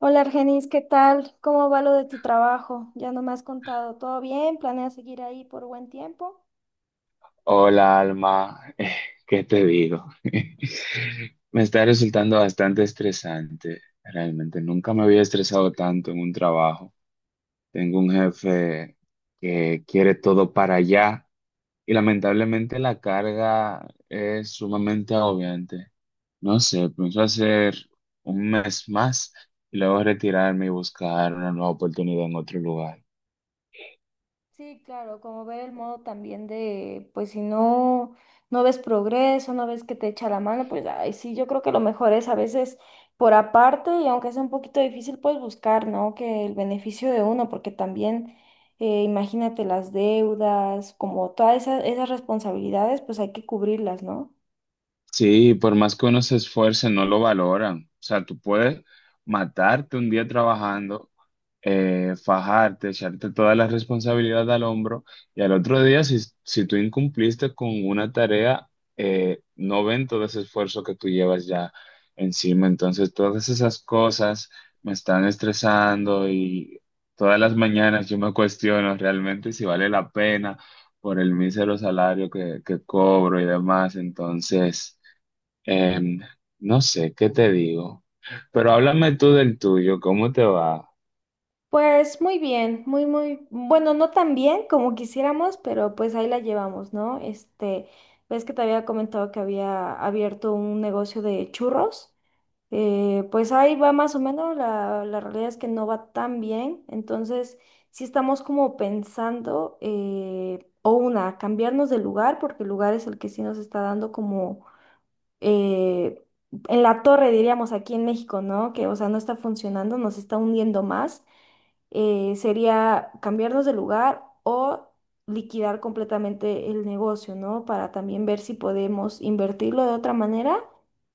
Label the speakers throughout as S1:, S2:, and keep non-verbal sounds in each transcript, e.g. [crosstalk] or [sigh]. S1: Hola Argenis, ¿qué tal? ¿Cómo va lo de tu trabajo? Ya no me has contado. ¿Todo bien? ¿Planeas seguir ahí por buen tiempo?
S2: Hola, Alma. ¿Qué te digo? [laughs] Me está resultando bastante estresante. Realmente nunca me había estresado tanto en un trabajo. Tengo un jefe que quiere todo para allá y lamentablemente la carga es sumamente agobiante. No sé, pienso hacer un mes más y luego retirarme y buscar una nueva oportunidad en otro lugar.
S1: Sí, claro, como ver el modo también de, pues si no, no ves progreso, no ves que te echa la mano, pues ay, sí, yo creo que lo mejor es a veces por aparte y aunque sea un poquito difícil, pues buscar, ¿no? Que el beneficio de uno, porque también, imagínate las deudas, como todas esas, esas responsabilidades, pues hay que cubrirlas, ¿no?
S2: Sí, por más que uno se esfuerce, no lo valoran. O sea, tú puedes matarte un día trabajando, fajarte, echarte toda la responsabilidad al hombro y al otro día, si tú incumpliste con una tarea, no ven todo ese esfuerzo que tú llevas ya encima. Entonces, todas esas cosas me están estresando y todas las mañanas yo me cuestiono realmente si vale la pena por el mísero salario que cobro y demás. Entonces... Em, no sé, ¿qué te digo? Pero háblame tú del tuyo, ¿cómo te va?
S1: Pues muy bien, muy, muy, bueno, no tan bien como quisiéramos, pero pues ahí la llevamos, ¿no? Este, ves que te había comentado que había abierto un negocio de churros, pues ahí va más o menos, la realidad es que no va tan bien, entonces sí estamos como pensando, o una, cambiarnos de lugar, porque el lugar es el que sí nos está dando como… eh, en la torre, diríamos aquí en México, ¿no? Que, o sea, no está funcionando, nos está hundiendo más. Sería cambiarnos de lugar o liquidar completamente el negocio, ¿no? Para también ver si podemos invertirlo de otra manera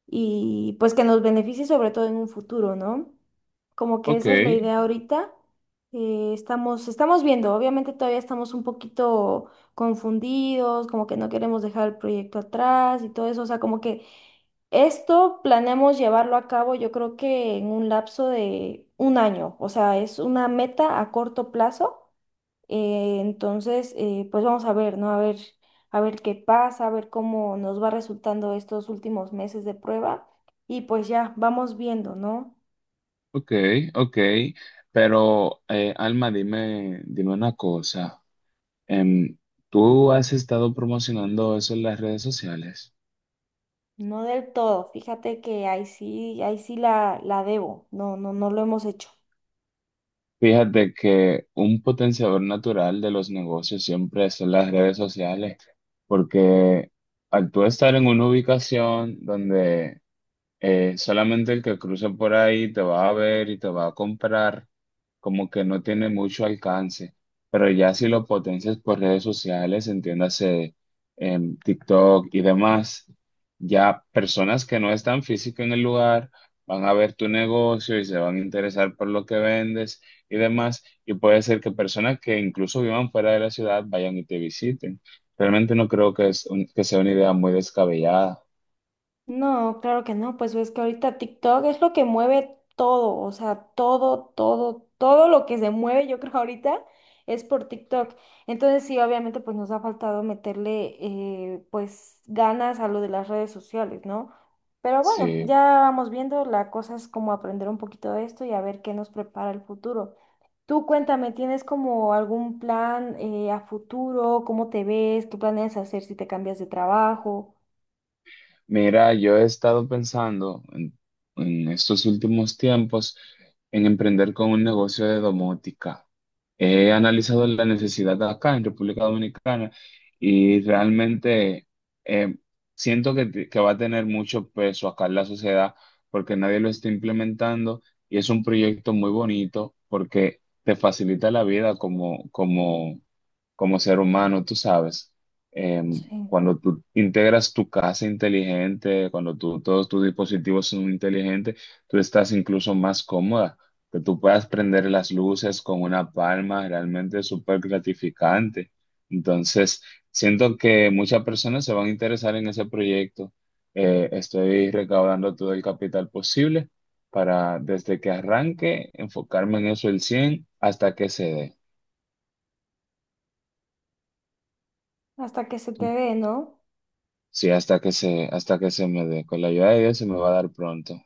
S1: y pues que nos beneficie sobre todo en un futuro, ¿no? Como que
S2: Ok,
S1: esa es la idea ahorita. Estamos viendo, obviamente todavía estamos un poquito confundidos, como que no queremos dejar el proyecto atrás y todo eso, o sea, como que esto planeamos llevarlo a cabo, yo creo que en un lapso de un año, o sea, es una meta a corto plazo. Entonces, pues vamos a ver, ¿no? A ver qué pasa, a ver cómo nos va resultando estos últimos meses de prueba y pues ya vamos viendo, ¿no?
S2: ok, ok. Pero, Alma, dime una cosa. Em, ¿Tú has estado promocionando eso en las redes sociales?
S1: No del todo, fíjate que ahí sí la debo, no, no, no lo hemos hecho.
S2: Fíjate que un potenciador natural de los negocios siempre son las redes sociales, porque al tú estar en una ubicación donde solamente el que cruce por ahí te va a ver y te va a comprar, como que no tiene mucho alcance, pero ya si lo potencias por redes sociales, entiéndase en TikTok y demás, ya personas que no están físico en el lugar van a ver tu negocio y se van a interesar por lo que vendes y demás, y puede ser que personas que incluso vivan fuera de la ciudad vayan y te visiten. Realmente no creo que sea una idea muy descabellada.
S1: No, claro que no, pues es que ahorita TikTok es lo que mueve todo, o sea, todo, todo, todo lo que se mueve, yo [laughs] creo ahorita es por TikTok. Entonces sí, obviamente pues nos ha faltado meterle, pues ganas a lo de las redes sociales, ¿no? Pero bueno, ya
S2: Sí.
S1: vamos viendo, la cosa es como aprender un poquito de esto y a ver qué nos prepara el futuro. Tú cuéntame, ¿tienes como algún plan, a futuro? ¿Cómo te ves? ¿Qué planeas hacer si te cambias de trabajo?
S2: Mira, yo he estado pensando en estos últimos tiempos en emprender con un negocio de domótica. He analizado la necesidad acá en República Dominicana y realmente eh, siento que va a tener mucho peso acá en la sociedad porque nadie lo está implementando y es un proyecto muy bonito porque te facilita la vida como ser humano, tú sabes,
S1: Sí.
S2: cuando tú integras tu casa inteligente, todos tus dispositivos son inteligentes, tú estás incluso más cómoda, que tú puedas prender las luces con una palma, realmente es súper gratificante. Entonces, siento que muchas personas se van a interesar en ese proyecto. Estoy recaudando todo el capital posible para, desde que arranque, enfocarme en eso el 100 hasta que se dé.
S1: ¿Hasta que se te dé, ¿no?
S2: Sí, hasta que se me dé. Con la ayuda de Dios se me va a dar pronto.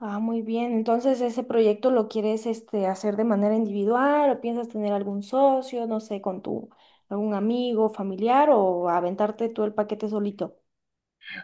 S1: Ah, muy bien. Entonces, ¿ese proyecto lo quieres este, hacer de manera individual o piensas tener algún socio, no sé, con tu algún amigo, familiar o aventarte tú el paquete solito?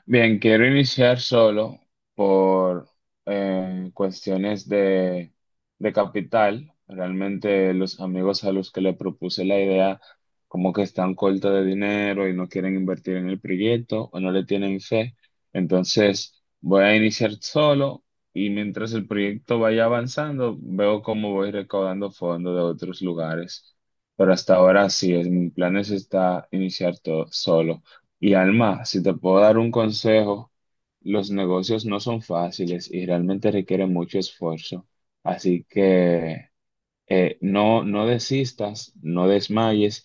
S2: Bien, quiero iniciar solo por eh, cuestiones de, de capital. Realmente los amigos a los que le propuse la idea como que están cortos de dinero y no quieren invertir en el proyecto o no le tienen fe. Entonces voy a iniciar solo y mientras el proyecto vaya avanzando, veo cómo voy recaudando fondos de otros lugares. Pero hasta ahora mi plan es está iniciar todo solo. Y Alma, si te puedo dar un consejo, los negocios no son fáciles y realmente requieren mucho esfuerzo. Así que no desistas, no desmayes.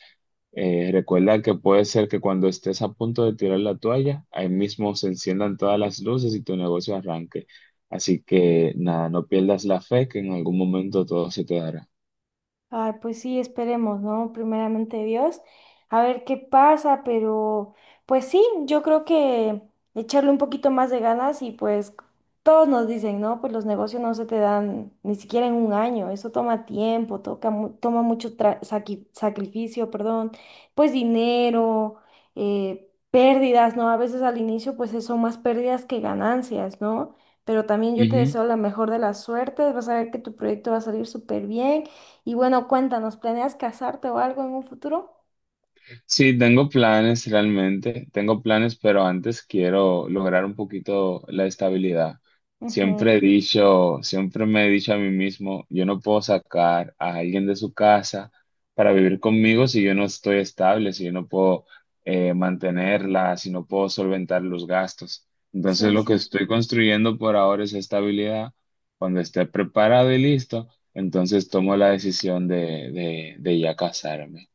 S2: Recuerda que puede ser que cuando estés a punto de tirar la toalla, ahí mismo se enciendan todas las luces y tu negocio arranque. Así que nada, no pierdas la fe que en algún momento todo se te dará.
S1: Ay, pues sí, esperemos, ¿no? Primeramente Dios, a ver qué pasa, pero pues sí, yo creo que echarle un poquito más de ganas y pues todos nos dicen, ¿no? Pues los negocios no se te dan ni siquiera en un año, eso toma tiempo, toca, toma mucho sacrificio, perdón, pues dinero, pérdidas, ¿no? A veces al inicio pues son más pérdidas que ganancias, ¿no? Pero también yo te deseo la mejor de las suertes, vas a ver que tu proyecto va a salir súper bien. Y bueno, cuéntanos, ¿planeas casarte o algo en un futuro?
S2: Sí, tengo planes realmente, tengo planes, pero antes quiero lograr un poquito la estabilidad.
S1: Ujú.
S2: Siempre he dicho, siempre me he dicho a mí mismo, yo no puedo sacar a alguien de su casa para vivir conmigo si yo no estoy estable, si yo no puedo mantenerla, si no puedo solventar los gastos. Entonces
S1: Sí,
S2: lo que
S1: sí,
S2: estoy construyendo por ahora es estabilidad. Cuando esté preparado y listo, entonces tomo la decisión de ya casarme.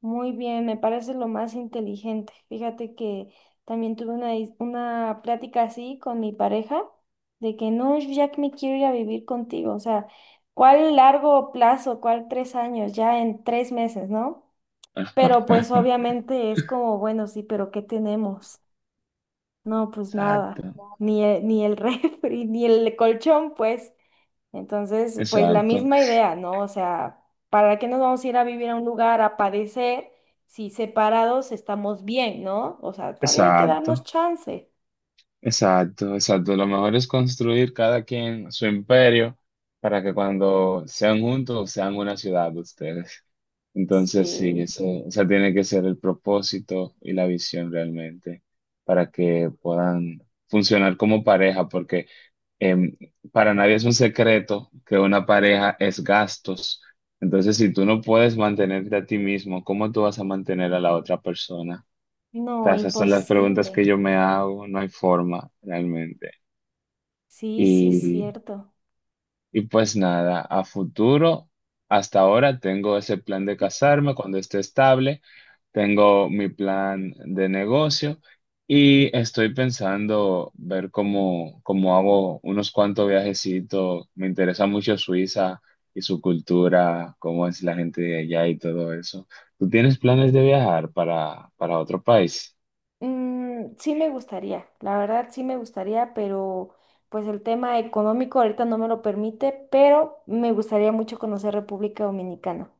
S1: muy bien, me parece lo más inteligente. Fíjate que también tuve una, una plática así con mi pareja de que no, yo ya que me quiero ir a vivir contigo, o sea, ¿cuál largo plazo? ¿Cuál 3 años? Ya en 3 meses, ¿no? Pero pues
S2: [laughs]
S1: obviamente es como, bueno, sí, pero ¿qué tenemos? No, pues
S2: Exacto,
S1: nada, ni el, ni el [laughs] refri, ni el colchón, pues. Entonces, pues la
S2: exacto,
S1: misma idea, ¿no? O sea, ¿para qué nos vamos a ir a vivir a un lugar a padecer si separados estamos bien, ¿no? O sea, todavía hay que darnos
S2: exacto,
S1: chance.
S2: exacto, exacto. Lo mejor es construir cada quien su imperio para que cuando sean juntos sean una ciudad ustedes. Entonces, sí,
S1: Sí.
S2: ese tiene que ser el propósito y la visión realmente para que puedan funcionar como pareja, porque em, para nadie es un secreto que una pareja es gastos. Entonces, si tú no puedes mantenerte a ti mismo, ¿cómo tú vas a mantener a la otra persona?
S1: No,
S2: Sea, esas son las preguntas
S1: imposible.
S2: que yo me hago, no hay forma realmente.
S1: Sí, sí es
S2: Y,
S1: cierto.
S2: y pues nada, a futuro, hasta ahora tengo ese plan de casarme cuando esté estable, tengo mi plan de negocio y estoy pensando ver cómo hago unos cuantos viajecitos. Me interesa mucho Suiza y su cultura, cómo es la gente de allá y todo eso. ¿Tú tienes planes de viajar para otro país?
S1: Mm, sí me gustaría, la verdad sí me gustaría, pero pues el tema económico ahorita no me lo permite, pero me gustaría mucho conocer República Dominicana.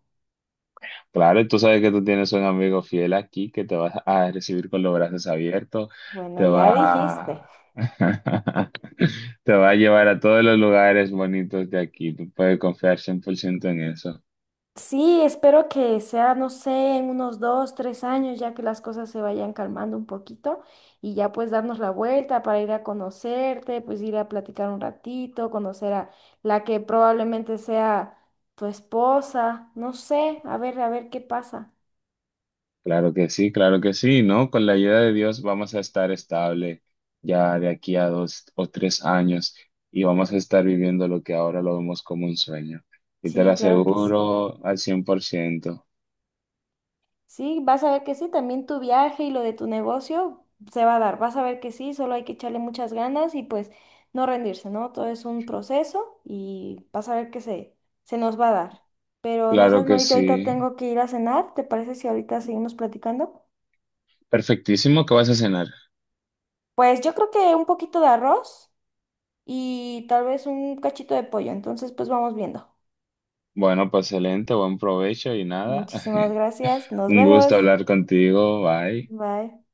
S2: Claro, y tú sabes que tú tienes un amigo fiel aquí que te vas a recibir con los brazos abiertos,
S1: Bueno,
S2: te
S1: ya
S2: va
S1: dijiste.
S2: a... [laughs] te va a llevar a todos los lugares bonitos de aquí. Tú puedes confiar 100% en eso.
S1: Sí, espero que sea, no sé, en unos dos, 3 años, ya que las cosas se vayan calmando un poquito y ya pues darnos la vuelta para ir a conocerte, pues ir a platicar un ratito, conocer a la que probablemente sea tu esposa, no sé, a ver qué pasa.
S2: Claro que sí, ¿no? Con la ayuda de Dios vamos a estar estable ya de aquí a 2 o 3 años y vamos a estar viviendo lo que ahora lo vemos como un sueño. Y te lo
S1: Sí, claro que sí.
S2: aseguro al 100%.
S1: Sí, vas a ver que sí, también tu viaje y lo de tu negocio se va a dar, vas a ver que sí, solo hay que echarle muchas ganas y pues no rendirse, ¿no? Todo es un proceso y vas a ver que se nos va a dar. Pero no
S2: Claro
S1: sabes,
S2: que
S1: Marita, ahorita
S2: sí.
S1: tengo que ir a cenar, ¿te parece si ahorita seguimos platicando?
S2: Perfectísimo, ¿qué vas a cenar?
S1: Pues yo creo que un poquito de arroz y tal vez un cachito de pollo, entonces pues vamos viendo.
S2: Bueno, pues excelente, buen provecho y nada.
S1: Muchísimas
S2: [laughs]
S1: gracias, nos
S2: Un
S1: vemos,
S2: gusto hablar contigo, bye.
S1: bye.